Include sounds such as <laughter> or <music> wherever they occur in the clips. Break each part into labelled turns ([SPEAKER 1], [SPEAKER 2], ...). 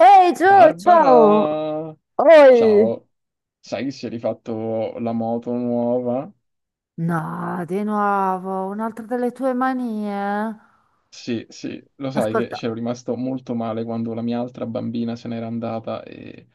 [SPEAKER 1] Ehi Gio, ciao!
[SPEAKER 2] Barbara,
[SPEAKER 1] Oi!
[SPEAKER 2] ciao, sai che si è rifatto la moto nuova?
[SPEAKER 1] No, di nuovo, un'altra delle tue manie?
[SPEAKER 2] Sì, sì, lo sai che
[SPEAKER 1] Ascolta,
[SPEAKER 2] c'ero rimasto molto male quando la mia altra bambina se n'era andata e,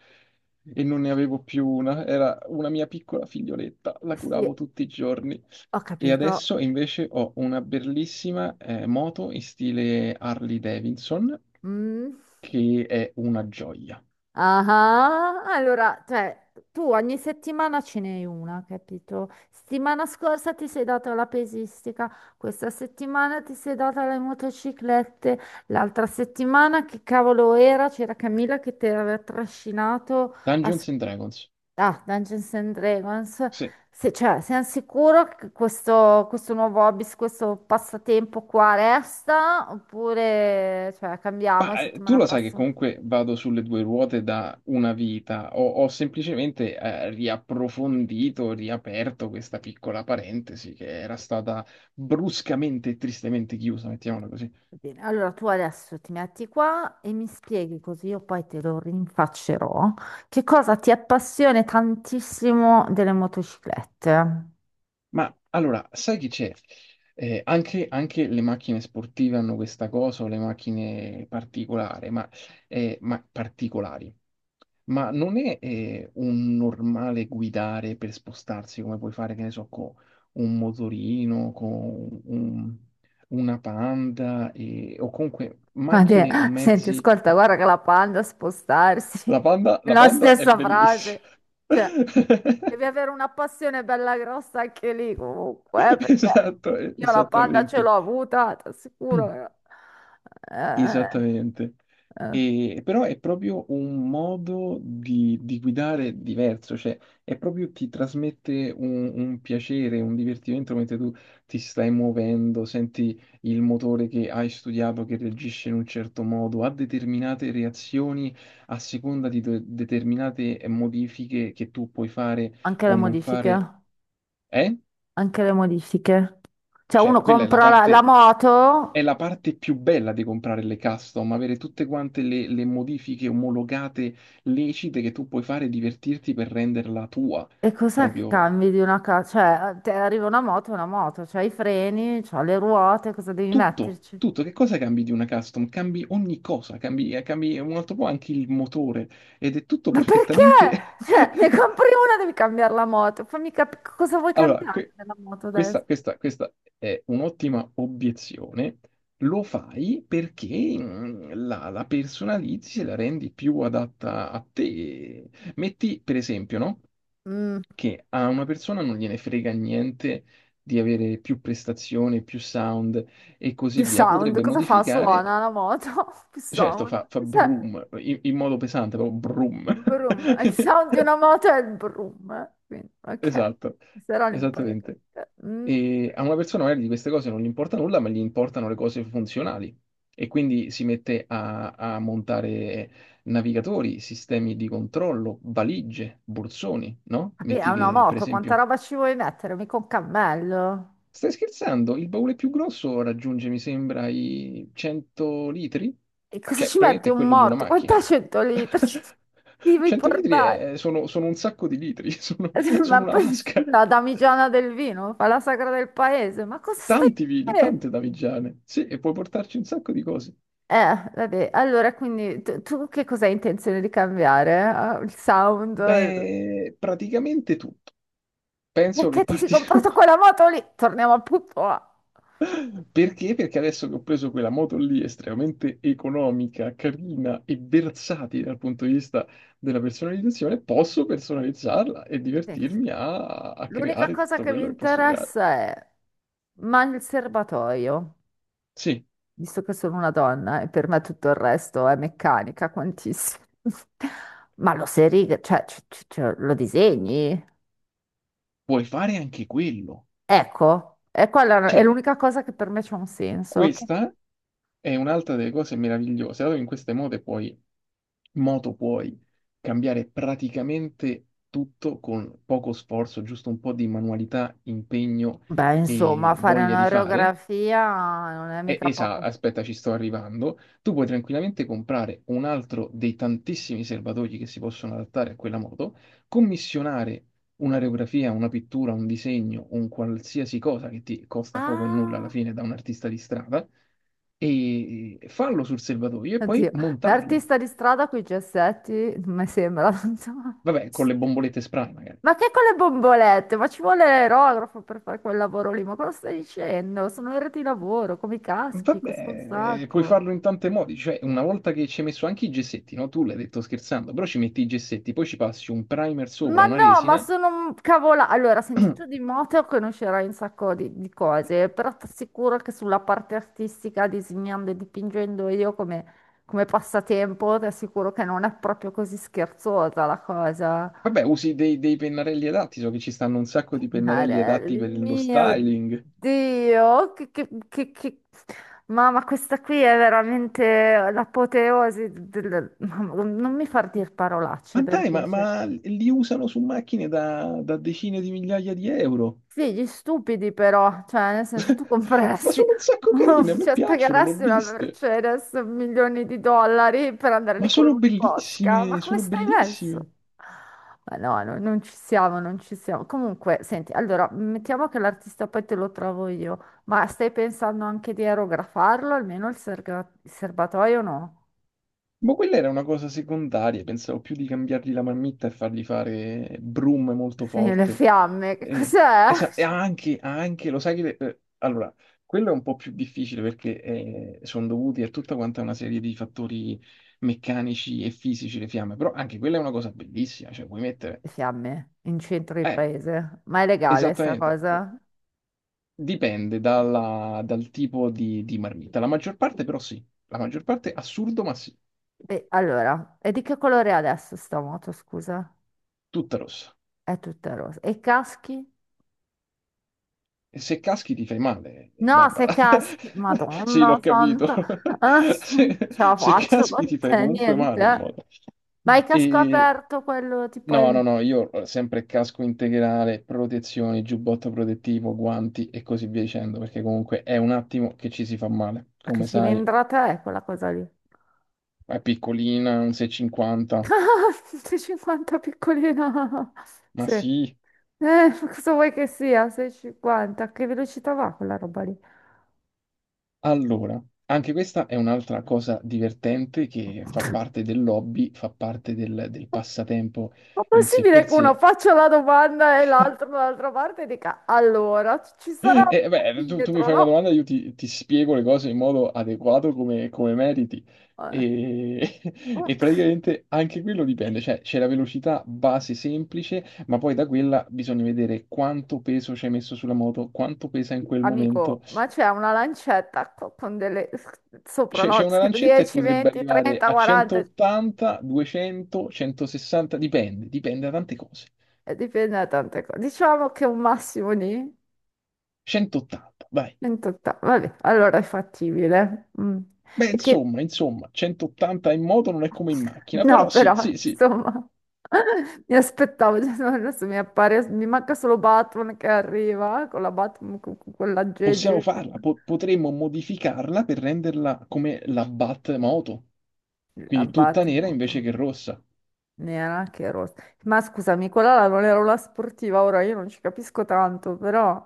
[SPEAKER 2] e non ne avevo più una, era una mia piccola figlioletta, la
[SPEAKER 1] sì,
[SPEAKER 2] curavo tutti i giorni.
[SPEAKER 1] ho
[SPEAKER 2] E
[SPEAKER 1] capito.
[SPEAKER 2] adesso invece ho una bellissima moto in stile Harley Davidson
[SPEAKER 1] Mm.
[SPEAKER 2] che è una gioia.
[SPEAKER 1] Ah, allora, cioè, tu ogni settimana ce n'hai una, capito? Settimana scorsa ti sei data la pesistica, questa settimana ti sei data le motociclette, l'altra settimana che cavolo era? C'era Camilla che ti aveva trascinato a...
[SPEAKER 2] Dungeons and Dragons.
[SPEAKER 1] Ah, Dungeons and Dragons,
[SPEAKER 2] Sì,
[SPEAKER 1] se, cioè, sei sicuro che questo, nuovo hobby, questo passatempo qua resta? Oppure, cioè, cambiamo e
[SPEAKER 2] ma tu
[SPEAKER 1] settimana
[SPEAKER 2] lo sai che
[SPEAKER 1] prossima?
[SPEAKER 2] comunque vado sulle due ruote da una vita, ho semplicemente riapprofondito, riaperto questa piccola parentesi che era stata bruscamente e tristemente chiusa, mettiamola così.
[SPEAKER 1] Va bene, allora tu adesso ti metti qua e mi spieghi così io poi te lo rinfaccerò. Che cosa ti appassiona tantissimo delle motociclette?
[SPEAKER 2] Ma allora, sai che c'è? Anche le macchine sportive hanno questa cosa, o le macchine particolari, ma particolari. Ma non è un normale guidare per spostarsi come puoi fare, che ne so, con un motorino, con un- una Panda o comunque
[SPEAKER 1] Ma te,
[SPEAKER 2] macchine o
[SPEAKER 1] senti,
[SPEAKER 2] mezzi.
[SPEAKER 1] ascolta, guarda che la panda a spostarsi. <laughs>
[SPEAKER 2] La
[SPEAKER 1] La
[SPEAKER 2] Panda è
[SPEAKER 1] stessa
[SPEAKER 2] bellissima.
[SPEAKER 1] frase. Cioè,
[SPEAKER 2] <laughs>
[SPEAKER 1] devi avere una passione bella grossa anche lì, comunque, perché
[SPEAKER 2] Esatto,
[SPEAKER 1] io la panda ce
[SPEAKER 2] esattamente.
[SPEAKER 1] l'ho avuta, ti assicuro. Eh,
[SPEAKER 2] Esattamente.
[SPEAKER 1] eh.
[SPEAKER 2] Però è proprio un modo di guidare diverso, cioè è proprio ti trasmette un piacere, un divertimento mentre tu ti stai muovendo, senti il motore che hai studiato che reagisce in un certo modo, ha determinate reazioni a seconda di determinate modifiche che tu puoi fare
[SPEAKER 1] Anche le
[SPEAKER 2] o non
[SPEAKER 1] modifiche,
[SPEAKER 2] fare. Eh?
[SPEAKER 1] anche le modifiche. Cioè,
[SPEAKER 2] Cioè,
[SPEAKER 1] uno
[SPEAKER 2] quella è la
[SPEAKER 1] compra la,
[SPEAKER 2] parte È
[SPEAKER 1] moto
[SPEAKER 2] la parte più bella di comprare le custom, avere tutte quante le modifiche omologate, lecite che tu puoi fare e divertirti per renderla tua.
[SPEAKER 1] e cosa
[SPEAKER 2] Proprio
[SPEAKER 1] cambi di una casa? Cioè, te arriva una moto, è una moto, c'hai i freni, c'ha le ruote, cosa devi
[SPEAKER 2] tutto,
[SPEAKER 1] metterci?
[SPEAKER 2] tutto. Che cosa cambi di una custom? Cambi ogni cosa, cambi un altro po' anche il motore ed è tutto
[SPEAKER 1] Ma perché?
[SPEAKER 2] perfettamente.
[SPEAKER 1] Cioè, ne
[SPEAKER 2] <laughs>
[SPEAKER 1] compri una, devi cambiare la moto. Fammi capire cosa vuoi
[SPEAKER 2] Allora,
[SPEAKER 1] cambiare della moto adesso.
[SPEAKER 2] questa è un'ottima obiezione. Lo fai perché la personalizzi e la rendi più adatta a te. Metti, per esempio, no?
[SPEAKER 1] Mm,
[SPEAKER 2] Che a una persona non gliene frega niente di avere più prestazioni, più sound e così
[SPEAKER 1] più
[SPEAKER 2] via.
[SPEAKER 1] sound,
[SPEAKER 2] Potrebbe
[SPEAKER 1] cosa fa?
[SPEAKER 2] modificare,
[SPEAKER 1] Suona la moto, <laughs> più
[SPEAKER 2] certo,
[SPEAKER 1] sound.
[SPEAKER 2] fa
[SPEAKER 1] Cioè,
[SPEAKER 2] brum in modo pesante, proprio brum.
[SPEAKER 1] vroom. Il sound di una
[SPEAKER 2] <laughs>
[SPEAKER 1] moto è il vroom. Quindi, ok,
[SPEAKER 2] Esatto,
[SPEAKER 1] se no le impari
[SPEAKER 2] esattamente.
[SPEAKER 1] tutte. Mm.
[SPEAKER 2] E a una persona magari di queste cose non gli importa nulla, ma gli importano le cose funzionali. E quindi si mette a montare navigatori, sistemi di controllo, valigie, borsoni, no?
[SPEAKER 1] Vabbè, è
[SPEAKER 2] Metti
[SPEAKER 1] una
[SPEAKER 2] che, per
[SPEAKER 1] moto, quanta
[SPEAKER 2] esempio,
[SPEAKER 1] roba ci vuoi mettere? Mica un cammello.
[SPEAKER 2] stai scherzando? Il baule più grosso raggiunge, mi sembra, i 100 litri?
[SPEAKER 1] E cosa
[SPEAKER 2] Cioè,
[SPEAKER 1] ci metti,
[SPEAKER 2] praticamente è
[SPEAKER 1] un
[SPEAKER 2] quello di una
[SPEAKER 1] morto? Quant'è
[SPEAKER 2] macchina.
[SPEAKER 1] 100 litri? <laughs> Ci
[SPEAKER 2] <laughs>
[SPEAKER 1] devi
[SPEAKER 2] 100 litri
[SPEAKER 1] portare?
[SPEAKER 2] sono un sacco di litri, <laughs> sono,
[SPEAKER 1] <laughs>
[SPEAKER 2] sono
[SPEAKER 1] Ma
[SPEAKER 2] una
[SPEAKER 1] poi
[SPEAKER 2] vasca.
[SPEAKER 1] la damigiana del vino fa la sagra del paese, ma cosa stai
[SPEAKER 2] Tanti vini, tante
[SPEAKER 1] dicendo?
[SPEAKER 2] davigiane. Sì, e puoi portarci un sacco di cose.
[SPEAKER 1] Vabbè, allora quindi tu, che cosa hai intenzione di cambiare? Ah, il sound? Il-
[SPEAKER 2] Beh, praticamente tutto. Penso che
[SPEAKER 1] perché ti sei
[SPEAKER 2] partirò.
[SPEAKER 1] comprato quella moto lì? Torniamo al punto A.
[SPEAKER 2] <laughs> Perché? Perché adesso che ho preso quella moto lì, estremamente economica, carina e versatile dal punto di vista della personalizzazione, posso personalizzarla e
[SPEAKER 1] Senti,
[SPEAKER 2] divertirmi a
[SPEAKER 1] l'unica
[SPEAKER 2] creare
[SPEAKER 1] cosa
[SPEAKER 2] tutto
[SPEAKER 1] che mi
[SPEAKER 2] quello che posso creare.
[SPEAKER 1] interessa è, ma il serbatoio,
[SPEAKER 2] Sì,
[SPEAKER 1] visto che sono una donna e per me tutto il resto è meccanica, quantissimo. Ma lo sei riga, cioè, cioè, lo disegni?
[SPEAKER 2] puoi fare anche quello.
[SPEAKER 1] Ecco, e quella è
[SPEAKER 2] Cioè,
[SPEAKER 1] l'unica cosa che per me c'ha un senso. Che-
[SPEAKER 2] questa è un'altra delle cose meravigliose, dato che in queste moto puoi cambiare praticamente tutto con poco sforzo, giusto un po' di manualità, impegno
[SPEAKER 1] beh, insomma,
[SPEAKER 2] e
[SPEAKER 1] fare
[SPEAKER 2] voglia di fare.
[SPEAKER 1] un'oreografia non è
[SPEAKER 2] Eh,
[SPEAKER 1] mica
[SPEAKER 2] Esa,
[SPEAKER 1] poco.
[SPEAKER 2] aspetta, ci sto arrivando. Tu puoi tranquillamente comprare un altro dei tantissimi serbatoi che si possono adattare a quella moto, commissionare un'aerografia, una pittura, un disegno, un qualsiasi cosa che ti costa poco e nulla alla
[SPEAKER 1] Ah,
[SPEAKER 2] fine da un artista di strada, e farlo sul serbatoio e poi
[SPEAKER 1] oddio,
[SPEAKER 2] montarlo.
[SPEAKER 1] l'artista di strada con i gessetti, non mi sembra. <laughs>
[SPEAKER 2] Vabbè, con le bombolette spray magari.
[SPEAKER 1] Ma che, con le bombolette? Ma ci vuole l'aerografo per fare quel lavoro lì? Ma cosa stai dicendo? Sono ore di lavoro, come i caschi, costa un
[SPEAKER 2] Vabbè, puoi
[SPEAKER 1] sacco.
[SPEAKER 2] farlo in tanti modi, cioè una volta che ci hai messo anche i gessetti, no? Tu l'hai detto scherzando, però ci metti i gessetti, poi ci passi un primer sopra,
[SPEAKER 1] Ma
[SPEAKER 2] una
[SPEAKER 1] no, ma
[SPEAKER 2] resina.
[SPEAKER 1] sono cavola. Allora, senti,
[SPEAKER 2] <clears throat>
[SPEAKER 1] tu di moto conoscerai un sacco di, cose, però ti assicuro che sulla parte artistica, disegnando e dipingendo io come, come passatempo, ti assicuro che non è proprio così scherzosa la cosa.
[SPEAKER 2] Vabbè, usi dei pennarelli adatti, so che ci stanno un sacco di pennarelli adatti
[SPEAKER 1] Marelli,
[SPEAKER 2] per lo
[SPEAKER 1] mio
[SPEAKER 2] styling.
[SPEAKER 1] Dio, che... Mamma, questa qui è veramente l'apoteosi del... Mamma, non mi far dire
[SPEAKER 2] Ma
[SPEAKER 1] parolacce, per
[SPEAKER 2] dai, ma,
[SPEAKER 1] piacere.
[SPEAKER 2] ma li usano su macchine da decine di migliaia di euro.
[SPEAKER 1] Sì, gli stupidi però, cioè nel senso tu
[SPEAKER 2] <laughs> Ma
[SPEAKER 1] compreresti,
[SPEAKER 2] sono un sacco carine, a
[SPEAKER 1] <laughs>
[SPEAKER 2] me
[SPEAKER 1] cioè
[SPEAKER 2] piacciono, l'ho
[SPEAKER 1] pagheresti una
[SPEAKER 2] viste.
[SPEAKER 1] Mercedes milioni di dollari per andare lì
[SPEAKER 2] Ma
[SPEAKER 1] con
[SPEAKER 2] sono
[SPEAKER 1] l'Uniposca, ma
[SPEAKER 2] bellissime,
[SPEAKER 1] come
[SPEAKER 2] sono
[SPEAKER 1] stai messo?
[SPEAKER 2] bellissime.
[SPEAKER 1] Ma no, no, non ci siamo, non ci siamo. Comunque, senti, allora, mettiamo che l'artista poi te lo trovo io, ma stai pensando anche di aerografarlo, almeno il, serga- il serbatoio no?
[SPEAKER 2] Ma quella era una cosa secondaria, pensavo più di cambiargli la marmitta e fargli fare brum molto
[SPEAKER 1] <laughs> Sì, le
[SPEAKER 2] forte.
[SPEAKER 1] fiamme, che
[SPEAKER 2] E,
[SPEAKER 1] cos'è?
[SPEAKER 2] e lo sai che. Allora, quello è un po' più difficile perché sono dovuti a tutta quanta una serie di fattori meccanici e fisici le fiamme, però anche quella è una cosa bellissima, cioè puoi mettere.
[SPEAKER 1] Le fiamme in centro di
[SPEAKER 2] Eh,
[SPEAKER 1] paese, ma è legale sta
[SPEAKER 2] esattamente, oh,
[SPEAKER 1] cosa?
[SPEAKER 2] dipende dal tipo di marmitta. La maggior parte però sì, la maggior parte assurdo ma sì,
[SPEAKER 1] E allora, e di che colore è adesso sta moto, scusa?
[SPEAKER 2] tutta rossa.
[SPEAKER 1] È tutta rosa. E i caschi?
[SPEAKER 2] E se caschi ti fai male,
[SPEAKER 1] No, se
[SPEAKER 2] Barbara.
[SPEAKER 1] caschi,
[SPEAKER 2] <laughs> Sì,
[SPEAKER 1] Madonna
[SPEAKER 2] l'ho capito. <laughs>
[SPEAKER 1] santa, <laughs> ah, non
[SPEAKER 2] Se,
[SPEAKER 1] ce la
[SPEAKER 2] se
[SPEAKER 1] faccio con
[SPEAKER 2] caschi ti fai
[SPEAKER 1] te,
[SPEAKER 2] comunque male in
[SPEAKER 1] niente.
[SPEAKER 2] modo.
[SPEAKER 1] Ma il casco
[SPEAKER 2] E
[SPEAKER 1] aperto, quello tipo è
[SPEAKER 2] no, no,
[SPEAKER 1] il...
[SPEAKER 2] no, io sempre casco integrale, protezioni, giubbotto protettivo, guanti e così via dicendo, perché comunque è un attimo che ci si fa male.
[SPEAKER 1] Ma che
[SPEAKER 2] Come sai,
[SPEAKER 1] cilindrata è quella cosa lì?
[SPEAKER 2] è piccolina, un 6,50.
[SPEAKER 1] <laughs> 650 piccolina.
[SPEAKER 2] Ma
[SPEAKER 1] Sì.
[SPEAKER 2] sì,
[SPEAKER 1] Cosa vuoi che sia? 650. A che velocità va quella roba lì?
[SPEAKER 2] allora, anche questa è un'altra cosa divertente che fa parte dell'hobby, fa parte del passatempo
[SPEAKER 1] Ma
[SPEAKER 2] in sé
[SPEAKER 1] possibile
[SPEAKER 2] per
[SPEAKER 1] che uno
[SPEAKER 2] sé.
[SPEAKER 1] faccia la domanda e l'altro dall'altra parte dica: allora ci sarà un
[SPEAKER 2] E beh, tu mi
[SPEAKER 1] millimetro,
[SPEAKER 2] fai una
[SPEAKER 1] no?
[SPEAKER 2] domanda, io ti spiego le cose in modo adeguato come meriti.
[SPEAKER 1] Eh,
[SPEAKER 2] E, <laughs> e
[SPEAKER 1] mm,
[SPEAKER 2] praticamente anche quello dipende, cioè c'è la velocità base semplice, ma poi da quella bisogna vedere quanto peso ci hai messo sulla moto, quanto pesa in quel
[SPEAKER 1] amico,
[SPEAKER 2] momento.
[SPEAKER 1] ma c'è una lancetta con delle sopra,
[SPEAKER 2] C'è
[SPEAKER 1] no?
[SPEAKER 2] c'è una
[SPEAKER 1] Scritto
[SPEAKER 2] lancetta e
[SPEAKER 1] 10,
[SPEAKER 2] potrebbe
[SPEAKER 1] 20,
[SPEAKER 2] arrivare
[SPEAKER 1] 30,
[SPEAKER 2] a
[SPEAKER 1] 40,
[SPEAKER 2] 180, 200, 160, dipende da tante cose.
[SPEAKER 1] dipende da tante cose. Diciamo che un massimo di
[SPEAKER 2] 180, vai.
[SPEAKER 1] 28. Vabbè, allora è fattibile. Mm.
[SPEAKER 2] Beh,
[SPEAKER 1] E che
[SPEAKER 2] insomma, 180 in moto non è come in macchina,
[SPEAKER 1] no,
[SPEAKER 2] però sì,
[SPEAKER 1] però,
[SPEAKER 2] sì, sì,
[SPEAKER 1] insomma, <laughs> mi aspettavo, cioè, no, adesso mi appare, mi manca solo Batman che arriva con la Batman, con, quell'aggeggio.
[SPEAKER 2] possiamo farla, potremmo modificarla per renderla come la Bat moto,
[SPEAKER 1] La
[SPEAKER 2] quindi tutta nera invece
[SPEAKER 1] Batmoto,
[SPEAKER 2] che rossa.
[SPEAKER 1] nera che rossa. Ma scusami, quella là non era una sportiva, ora io non ci capisco tanto, però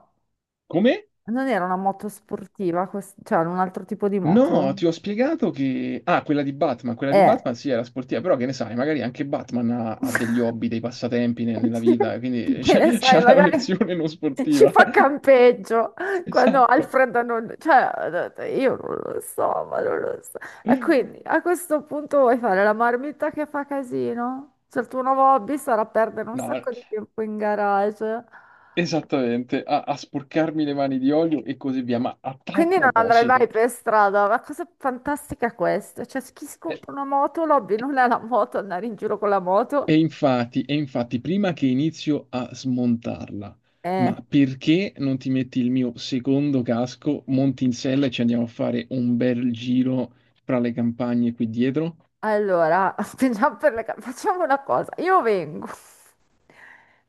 [SPEAKER 2] Come?
[SPEAKER 1] non era una moto sportiva, quest- cioè era un altro tipo di
[SPEAKER 2] No,
[SPEAKER 1] moto?
[SPEAKER 2] ti ho spiegato che. Ah, quella di
[SPEAKER 1] Eh.
[SPEAKER 2] Batman sì, era sportiva, però che ne sai, magari anche Batman ha
[SPEAKER 1] <laughs>
[SPEAKER 2] degli hobby, dei passatempi nella
[SPEAKER 1] <laughs>
[SPEAKER 2] vita, quindi <laughs>
[SPEAKER 1] Che ne
[SPEAKER 2] c'è
[SPEAKER 1] sai,
[SPEAKER 2] c'è la
[SPEAKER 1] magari
[SPEAKER 2] versione non
[SPEAKER 1] ci
[SPEAKER 2] sportiva.
[SPEAKER 1] fa
[SPEAKER 2] <laughs>
[SPEAKER 1] campeggio quando
[SPEAKER 2] Esatto.
[SPEAKER 1] Alfred non... Cioè, io non lo so, ma non lo so. E quindi a questo punto vuoi fare la marmitta che fa casino? Cioè, il tuo nuovo hobby sarà perdere un
[SPEAKER 2] No,
[SPEAKER 1] sacco di tempo in garage.
[SPEAKER 2] esattamente, a sporcarmi le mani di olio e così via. Ma a tal
[SPEAKER 1] Quindi non andrai mai
[SPEAKER 2] proposito.
[SPEAKER 1] per strada, ma cosa fantastica è questa? Cioè, chi si
[SPEAKER 2] eh,
[SPEAKER 1] compra una moto, l'hobby non è la moto, andare in giro con la moto.
[SPEAKER 2] E infatti, e infatti, prima che inizio a smontarla,
[SPEAKER 1] Eh,
[SPEAKER 2] ma perché non ti metti il mio secondo casco, monti in sella e ci andiamo a fare un bel giro fra le campagne qui dietro?
[SPEAKER 1] allora, <laughs> spingiamo per le... ca- facciamo una cosa, io vengo.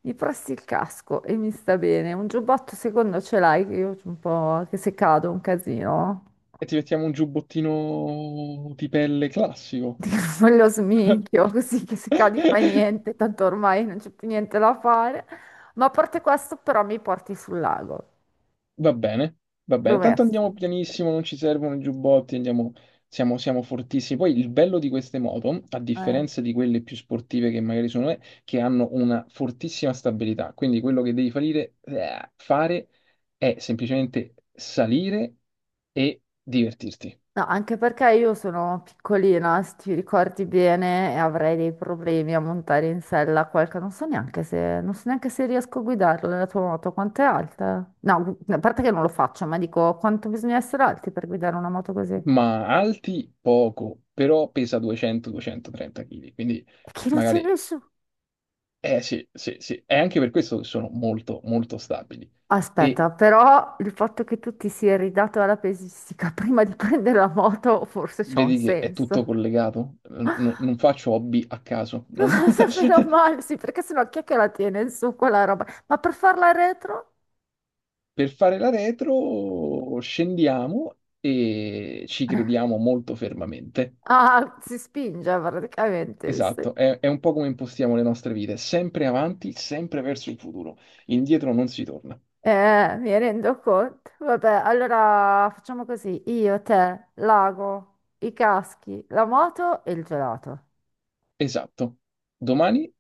[SPEAKER 1] Gli presti il casco e mi sta bene. Un giubbotto secondo ce l'hai, che io un po' che se cado è un casino.
[SPEAKER 2] E ti mettiamo un giubbottino di pelle classico.
[SPEAKER 1] <laughs> Me lo sminchio così che se cadi fai
[SPEAKER 2] <laughs>
[SPEAKER 1] niente, tanto ormai non c'è più niente da fare. Ma a parte questo, però mi porti sul lago.
[SPEAKER 2] Va bene, va bene. Tanto andiamo
[SPEAKER 1] Promesso.
[SPEAKER 2] pianissimo, non ci servono i giubbotti, andiamo, siamo fortissimi. Poi il bello di queste moto, a
[SPEAKER 1] Eh.
[SPEAKER 2] differenza di quelle più sportive che magari sono, è che hanno una fortissima stabilità. Quindi quello che devi fare è semplicemente salire e divertirti.
[SPEAKER 1] No, anche perché io sono piccolina, se ti ricordi bene, e avrei dei problemi a montare in sella qualche... Non so neanche se, non so neanche se riesco a guidarla la tua moto, quanto è alta? No, gu- a parte che non lo faccio, ma dico quanto bisogna essere alti per guidare una moto così. E
[SPEAKER 2] Ma alti poco, però pesa 200-230 kg. Quindi
[SPEAKER 1] che non c'è
[SPEAKER 2] magari,
[SPEAKER 1] nessuno.
[SPEAKER 2] eh sì, sì, sì. È anche per questo che sono molto, molto stabili. E
[SPEAKER 1] Aspetta, però il fatto che tu ti sia ridato alla pesistica prima di prendere la moto forse c'ha un
[SPEAKER 2] vedi che è tutto
[SPEAKER 1] senso.
[SPEAKER 2] collegato,
[SPEAKER 1] <laughs>
[SPEAKER 2] non faccio hobby a caso.
[SPEAKER 1] Non lo so, meno
[SPEAKER 2] <laughs>
[SPEAKER 1] male, sì, perché sennò chi è che la tiene in su quella roba? Ma per farla retro?
[SPEAKER 2] Per fare la retro scendiamo e ci crediamo molto fermamente.
[SPEAKER 1] Ah, si spinge praticamente, visto?
[SPEAKER 2] Esatto, è un po' come impostiamo le nostre vite, sempre avanti, sempre verso il futuro, indietro non si torna.
[SPEAKER 1] Mi rendo conto. Vabbè, allora facciamo così. Io, te, l'ago, i caschi, la moto e il gelato.
[SPEAKER 2] Esatto, domani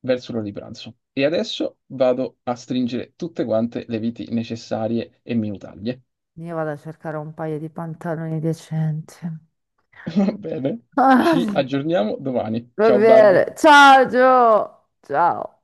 [SPEAKER 2] verso l'ora di pranzo. E adesso vado a stringere tutte quante le viti necessarie e minutaglie.
[SPEAKER 1] Io vado a cercare un paio di pantaloni decenti. <laughs>
[SPEAKER 2] <laughs> Va bene, ci
[SPEAKER 1] Ah,
[SPEAKER 2] aggiorniamo domani.
[SPEAKER 1] va
[SPEAKER 2] Ciao Barb.
[SPEAKER 1] bene. Ciao, Gio. Ciao.